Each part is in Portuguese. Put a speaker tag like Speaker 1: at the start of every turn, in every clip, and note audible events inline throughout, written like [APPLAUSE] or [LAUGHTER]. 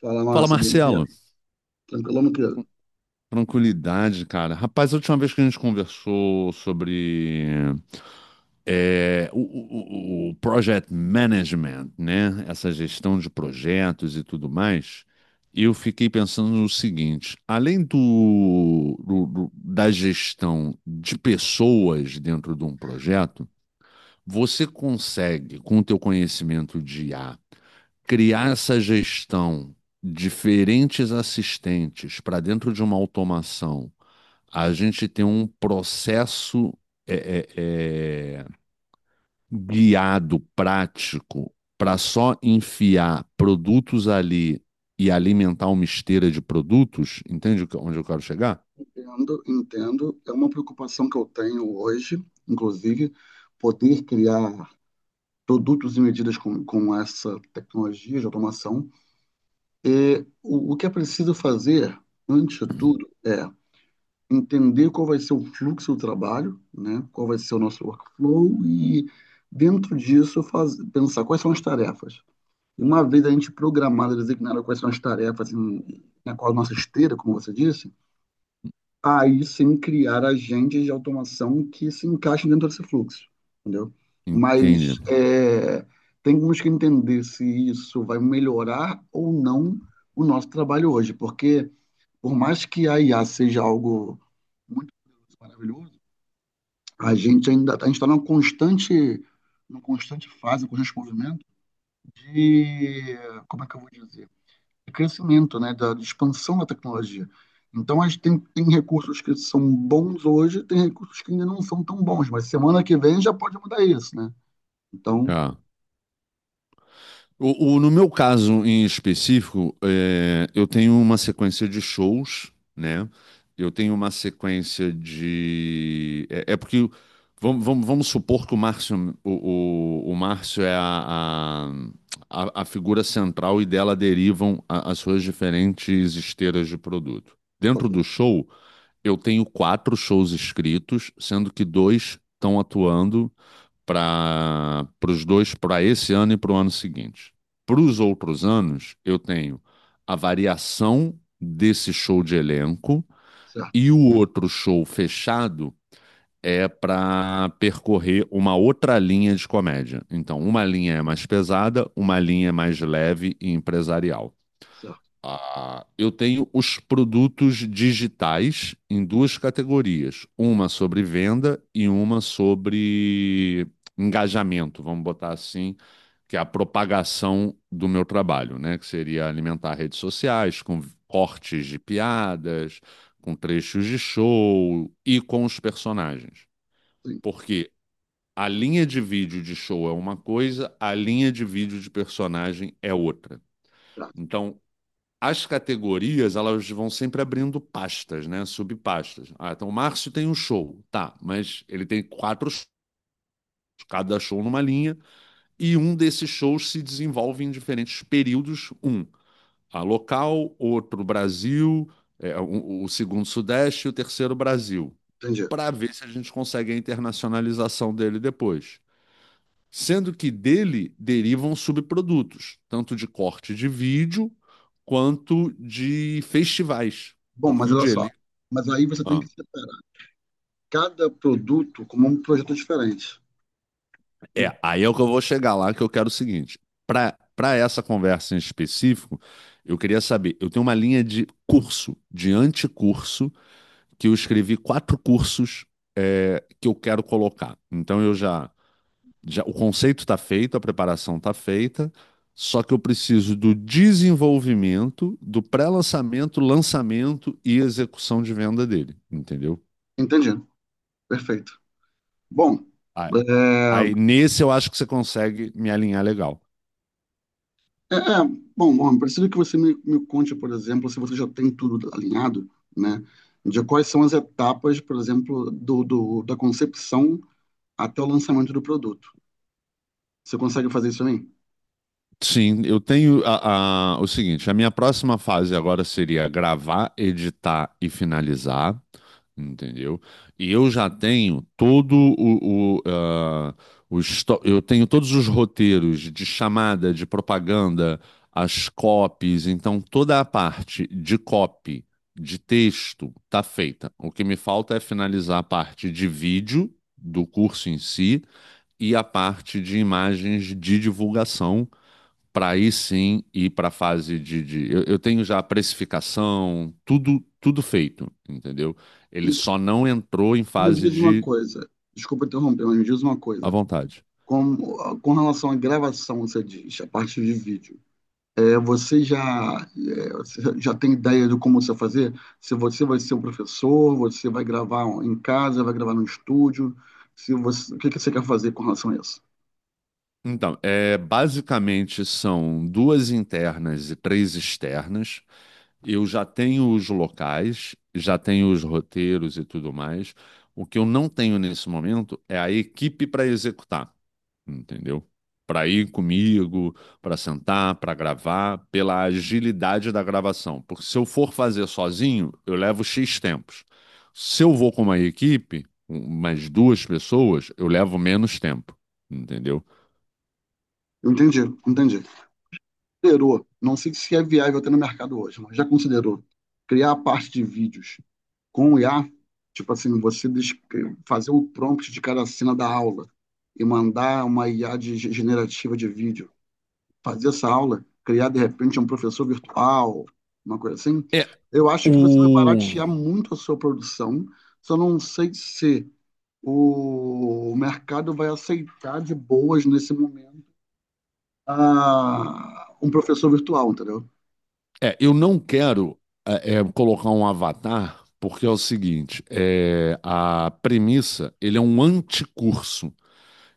Speaker 1: Fala,
Speaker 2: Fala,
Speaker 1: Márcio, bom dia.
Speaker 2: Marcelo.
Speaker 1: Tranquilo, meu querido?
Speaker 2: Tranquilidade, cara. Rapaz, a última vez que a gente conversou sobre o project management, né? Essa gestão de projetos e tudo mais, eu fiquei pensando no seguinte: além da gestão de pessoas dentro de um projeto, você consegue, com o teu conhecimento de I A criar essa gestão, diferentes assistentes para dentro de uma automação, a gente tem um processo é, é, é, guiado, prático, para só enfiar produtos ali e alimentar uma esteira de produtos, entende onde eu quero chegar?
Speaker 1: Entendo, entendo. É uma preocupação que eu tenho hoje, inclusive, poder criar produtos e medidas com essa tecnologia de automação. O que é preciso fazer, antes de tudo, é entender qual vai ser o fluxo do trabalho, né? Qual vai ser o nosso workflow e, dentro disso, faz, pensar quais são as tarefas. E uma vez a gente programada, designada quais são as tarefas em, na qual a nossa esteira, como você disse, aí sim criar agentes de automação que se encaixem dentro desse fluxo, entendeu? Mas
Speaker 2: Entende.
Speaker 1: é, temos que entender se isso vai melhorar ou não o nosso trabalho hoje, porque por mais que a IA seja algo muito maravilhoso, a gente está numa constante fase, um constante movimento de, como é que eu vou dizer? De crescimento, né, da de expansão da tecnologia. Então, a gente tem recursos que são bons hoje, tem recursos que ainda não são tão bons, mas semana que vem já pode mudar isso, né? Então,
Speaker 2: Ah. No meu caso em específico, eu tenho uma sequência de shows, né? Eu tenho uma sequência de. É, é porque vamos supor que o Márcio, o Márcio é a figura central e dela derivam a- as suas diferentes esteiras de produto.
Speaker 1: ok,
Speaker 2: Dentro do show, eu tenho quatro shows escritos, sendo que dois estão atuando para os dois, para esse ano e para o ano seguinte. Para os outros anos, eu tenho a variação desse show de elenco
Speaker 1: certo,
Speaker 2: e o outro show fechado é para percorrer uma outra linha de comédia. Então, uma linha é mais pesada, uma linha é mais leve e empresarial.
Speaker 1: certo,
Speaker 2: Ah, eu tenho os produtos digitais em duas categorias, uma sobre venda e uma sobre engajamento, vamos botar assim, que é a propagação do meu trabalho, né? Que seria alimentar redes sociais com cortes de piadas, com trechos de show e com os personagens.
Speaker 1: sim,
Speaker 2: Porque a linha de vídeo de show é uma coisa, a linha de vídeo de personagem é outra.
Speaker 1: certo,
Speaker 2: Então, as categorias elas vão sempre abrindo pastas, né? Subpastas. Ah, então o Márcio tem um show, tá, mas ele tem quatro shows, cada show numa linha, e um desses shows se desenvolve em diferentes períodos. Um, a local, outro Brasil, o segundo Sudeste e o terceiro Brasil,
Speaker 1: entendi.
Speaker 2: para ver se a gente consegue a internacionalização dele depois, sendo que dele derivam subprodutos, tanto de corte de vídeo quanto de festivais.
Speaker 1: Bom,
Speaker 2: Porque
Speaker 1: mas
Speaker 2: o
Speaker 1: olha só,
Speaker 2: Jelly.
Speaker 1: mas aí você tem
Speaker 2: Ah,
Speaker 1: que separar cada produto como um projeto diferente. E-
Speaker 2: é, aí é o que eu vou chegar lá, que eu quero o seguinte. Para essa conversa em específico, eu queria saber, eu tenho uma linha de curso, de anticurso, que eu escrevi quatro cursos que eu quero colocar. Então eu já já, o conceito está feito, a preparação está feita, só que eu preciso do desenvolvimento, do pré-lançamento, lançamento e execução de venda dele, entendeu?
Speaker 1: Entendi, perfeito. Bom,
Speaker 2: Aí,
Speaker 1: é,
Speaker 2: aí nesse eu acho que você consegue me alinhar legal.
Speaker 1: É, é, bom, preciso que você me conte, por exemplo, se você já tem tudo alinhado, né? De quais são as etapas, por exemplo, do, da concepção até o lançamento do produto. Você consegue fazer isso aí?
Speaker 2: Sim, eu tenho o seguinte, a minha próxima fase agora seria gravar, editar e finalizar, entendeu? E eu já tenho todo o histó- eu tenho todos os roteiros de chamada, de propaganda, as copies, então toda a parte de copy, de texto, tá feita. O que me falta é finalizar a parte de vídeo do curso em si e a parte de imagens de divulgação para aí sim ir para a fase de- Eu tenho já a precificação, tudo, tudo feito, entendeu? Ele
Speaker 1: E
Speaker 2: só não entrou em
Speaker 1: me
Speaker 2: fase
Speaker 1: diz uma
Speaker 2: de
Speaker 1: coisa, desculpa interromper, mas me diz uma
Speaker 2: à
Speaker 1: coisa.
Speaker 2: vontade.
Speaker 1: Com, com relação à gravação, você diz, a parte de vídeo. Você já, você já tem ideia de como você vai fazer? Se você vai ser um professor, você vai gravar em casa, vai gravar no estúdio? Se você, o que que você quer fazer com relação a isso?
Speaker 2: Então, é, basicamente são duas internas e três externas. Eu já tenho os locais, já tenho os roteiros e tudo mais. O que eu não tenho nesse momento é a equipe para executar. Entendeu? Para ir comigo, para sentar, para gravar, pela agilidade da gravação. Porque se eu for fazer sozinho, eu levo X tempos. Se eu vou com uma equipe, umas duas pessoas, eu levo menos tempo, entendeu?
Speaker 1: Eu entendi, entendi. Considerou, não sei se é viável até no mercado hoje, mas já considerou criar a parte de vídeos com o IA? Tipo assim, fazer o prompt de cada cena da aula e mandar uma IA de generativa de vídeo fazer essa aula, criar de repente um professor virtual, uma coisa assim,
Speaker 2: É,
Speaker 1: eu acho que você vai
Speaker 2: o...
Speaker 1: baratear muito a sua produção. Só não sei se o mercado vai aceitar de boas nesse momento ah, um professor virtual, entendeu?
Speaker 2: é, eu não quero colocar um avatar, porque é o seguinte, é, a premissa, ele é um anticurso.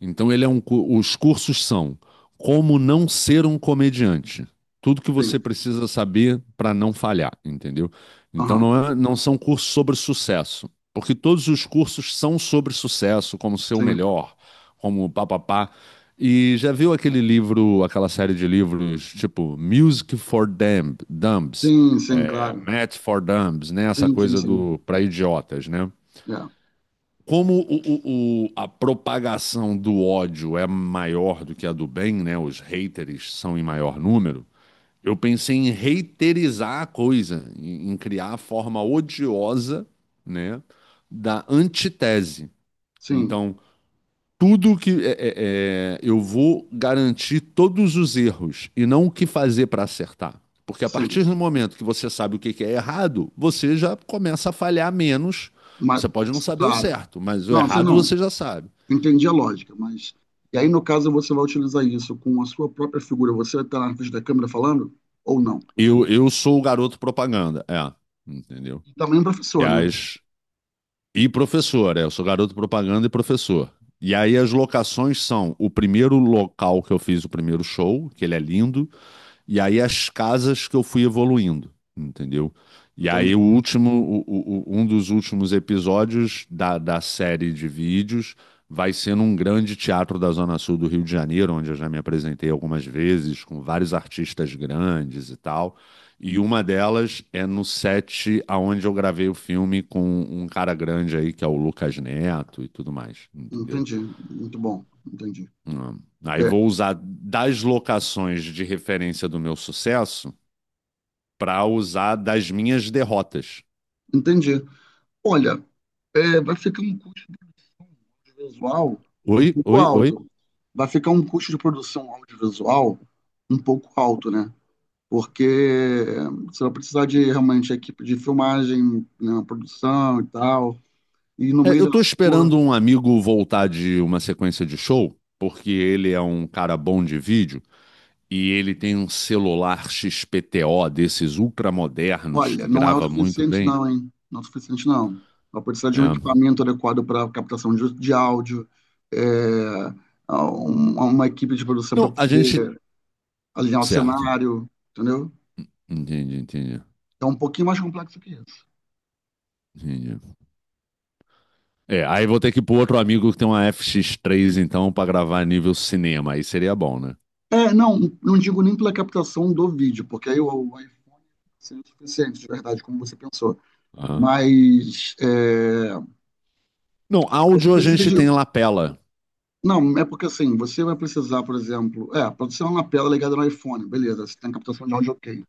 Speaker 2: Então ele é um, cu- os cursos são como não ser um comediante. Tudo que você
Speaker 1: Sim.
Speaker 2: precisa saber para não falhar, entendeu? Então
Speaker 1: Aham.
Speaker 2: não é- não são cursos sobre sucesso, porque todos os cursos são sobre sucesso, como ser o
Speaker 1: Sim.
Speaker 2: melhor, como papapá. E já viu aquele livro, aquela série de livros, tipo Music for Dumb, Dumbs,
Speaker 1: Sim, sim,
Speaker 2: é,
Speaker 1: claro.
Speaker 2: Math for Dumbs, né? Essa
Speaker 1: Sim, sim,
Speaker 2: coisa
Speaker 1: sim.
Speaker 2: do para idiotas, né?
Speaker 1: É.
Speaker 2: Como a propagação do ódio é maior do que a do bem, né? Os haters são em maior número. Eu pensei em haterizar a coisa, em, em criar a forma odiosa, né, da antitese.
Speaker 1: Sim,
Speaker 2: Então, tudo que eu vou garantir todos os erros e não o que fazer para acertar. Porque a
Speaker 1: sim.
Speaker 2: partir do momento que você sabe o que que é errado, você já começa a falhar menos.
Speaker 1: Mas,
Speaker 2: Você pode não saber o
Speaker 1: claro.
Speaker 2: certo, mas o
Speaker 1: Não, você
Speaker 2: errado
Speaker 1: não.
Speaker 2: você já sabe.
Speaker 1: Entendi a lógica, mas. E aí, no caso, você vai utilizar isso com a sua própria figura, você está na frente da câmera falando ou não?
Speaker 2: Eu sou o garoto propaganda, é, entendeu?
Speaker 1: E também um
Speaker 2: E,
Speaker 1: professor, né?
Speaker 2: as, e professor, é, eu sou garoto propaganda e professor. E aí as locações são o primeiro local que eu fiz o primeiro show, que ele é lindo. E aí as casas que eu fui evoluindo, entendeu? E aí
Speaker 1: Entende?
Speaker 2: o último, um dos últimos episódios da, da série de vídeos vai ser num grande teatro da Zona Sul do Rio de Janeiro, onde eu já me apresentei algumas vezes com vários artistas grandes e tal. E uma delas é no set aonde eu gravei o filme com um cara grande aí, que é o Lucas Neto e tudo mais, entendeu?
Speaker 1: Entendi. Muito bom. Entendi.
Speaker 2: Hum. Aí
Speaker 1: É,
Speaker 2: vou usar das locações de referência do meu sucesso para usar das minhas derrotas.
Speaker 1: entendi. Olha, vai ficar um custo visual um
Speaker 2: Oi,
Speaker 1: pouco
Speaker 2: oi, oi.
Speaker 1: alto. Vai ficar um custo de produção audiovisual um pouco alto, né? Porque você vai precisar de realmente equipe de filmagem, né, produção e tal. E no
Speaker 2: É,
Speaker 1: meio
Speaker 2: eu
Speaker 1: da
Speaker 2: tô
Speaker 1: rua,
Speaker 2: esperando um amigo voltar de uma sequência de show, porque ele é um cara bom de vídeo e ele tem um celular XPTO desses ultramodernos
Speaker 1: olha,
Speaker 2: que
Speaker 1: não é o
Speaker 2: grava muito
Speaker 1: suficiente
Speaker 2: bem.
Speaker 1: não, hein? Não é o suficiente não. Vai precisar de um
Speaker 2: É.
Speaker 1: equipamento adequado para captação de áudio, é, uma equipe de produção para
Speaker 2: Não, a gente.
Speaker 1: poder alinhar o
Speaker 2: Certo.
Speaker 1: cenário, entendeu?
Speaker 2: Entendi, entendi.
Speaker 1: É um pouquinho mais complexo que isso.
Speaker 2: Entendi. É, aí vou ter que ir pro outro amigo que tem uma FX3, então, pra gravar nível cinema. Aí seria bom, né?
Speaker 1: Não, não digo nem pela captação do vídeo, porque aí o iPhone seria o suficiente, de verdade, como você pensou.
Speaker 2: Aham.
Speaker 1: Mas
Speaker 2: Não,
Speaker 1: você
Speaker 2: áudio a
Speaker 1: precisa
Speaker 2: gente
Speaker 1: de,
Speaker 2: tem lapela.
Speaker 1: não, é porque assim, você vai precisar, por exemplo, pode ser uma lapela ligada no iPhone, beleza, você tem captação de áudio ok.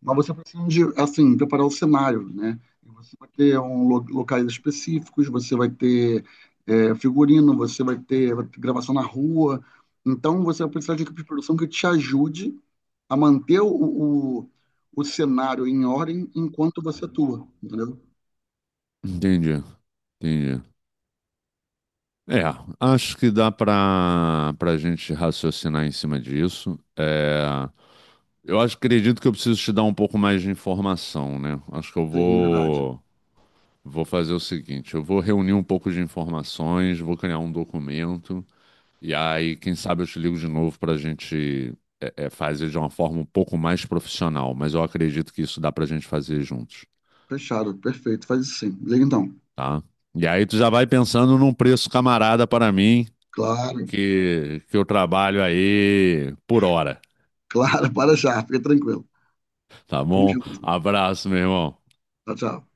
Speaker 1: Mas você precisa de, assim, preparar o cenário, né? Você vai ter um locais específicos, você vai ter figurino, você vai ter gravação na rua. Então, você vai precisar de equipe de produção que te ajude a manter o, o cenário em ordem enquanto você atua, entendeu?
Speaker 2: Entendi, entendi. É, acho que dá para a gente raciocinar em cima disso. É, eu acho, acredito que eu preciso te dar um pouco mais de informação, né? Acho que eu
Speaker 1: Sim, verdade.
Speaker 2: vou fazer o seguinte, eu vou reunir um pouco de informações, vou criar um documento. E aí, quem sabe eu te ligo de novo para a gente fazer de uma forma um pouco mais profissional, mas eu acredito que isso dá para a gente fazer juntos,
Speaker 1: Fechado, perfeito, faz isso sim. Liga então.
Speaker 2: tá? E aí tu já vai pensando num preço camarada para mim,
Speaker 1: Claro.
Speaker 2: que eu trabalho aí por hora,
Speaker 1: Claro, [LAUGHS] para já, fica tranquilo.
Speaker 2: tá
Speaker 1: Tamo
Speaker 2: bom?
Speaker 1: junto.
Speaker 2: Abraço, meu irmão.
Speaker 1: Tchau, tchau.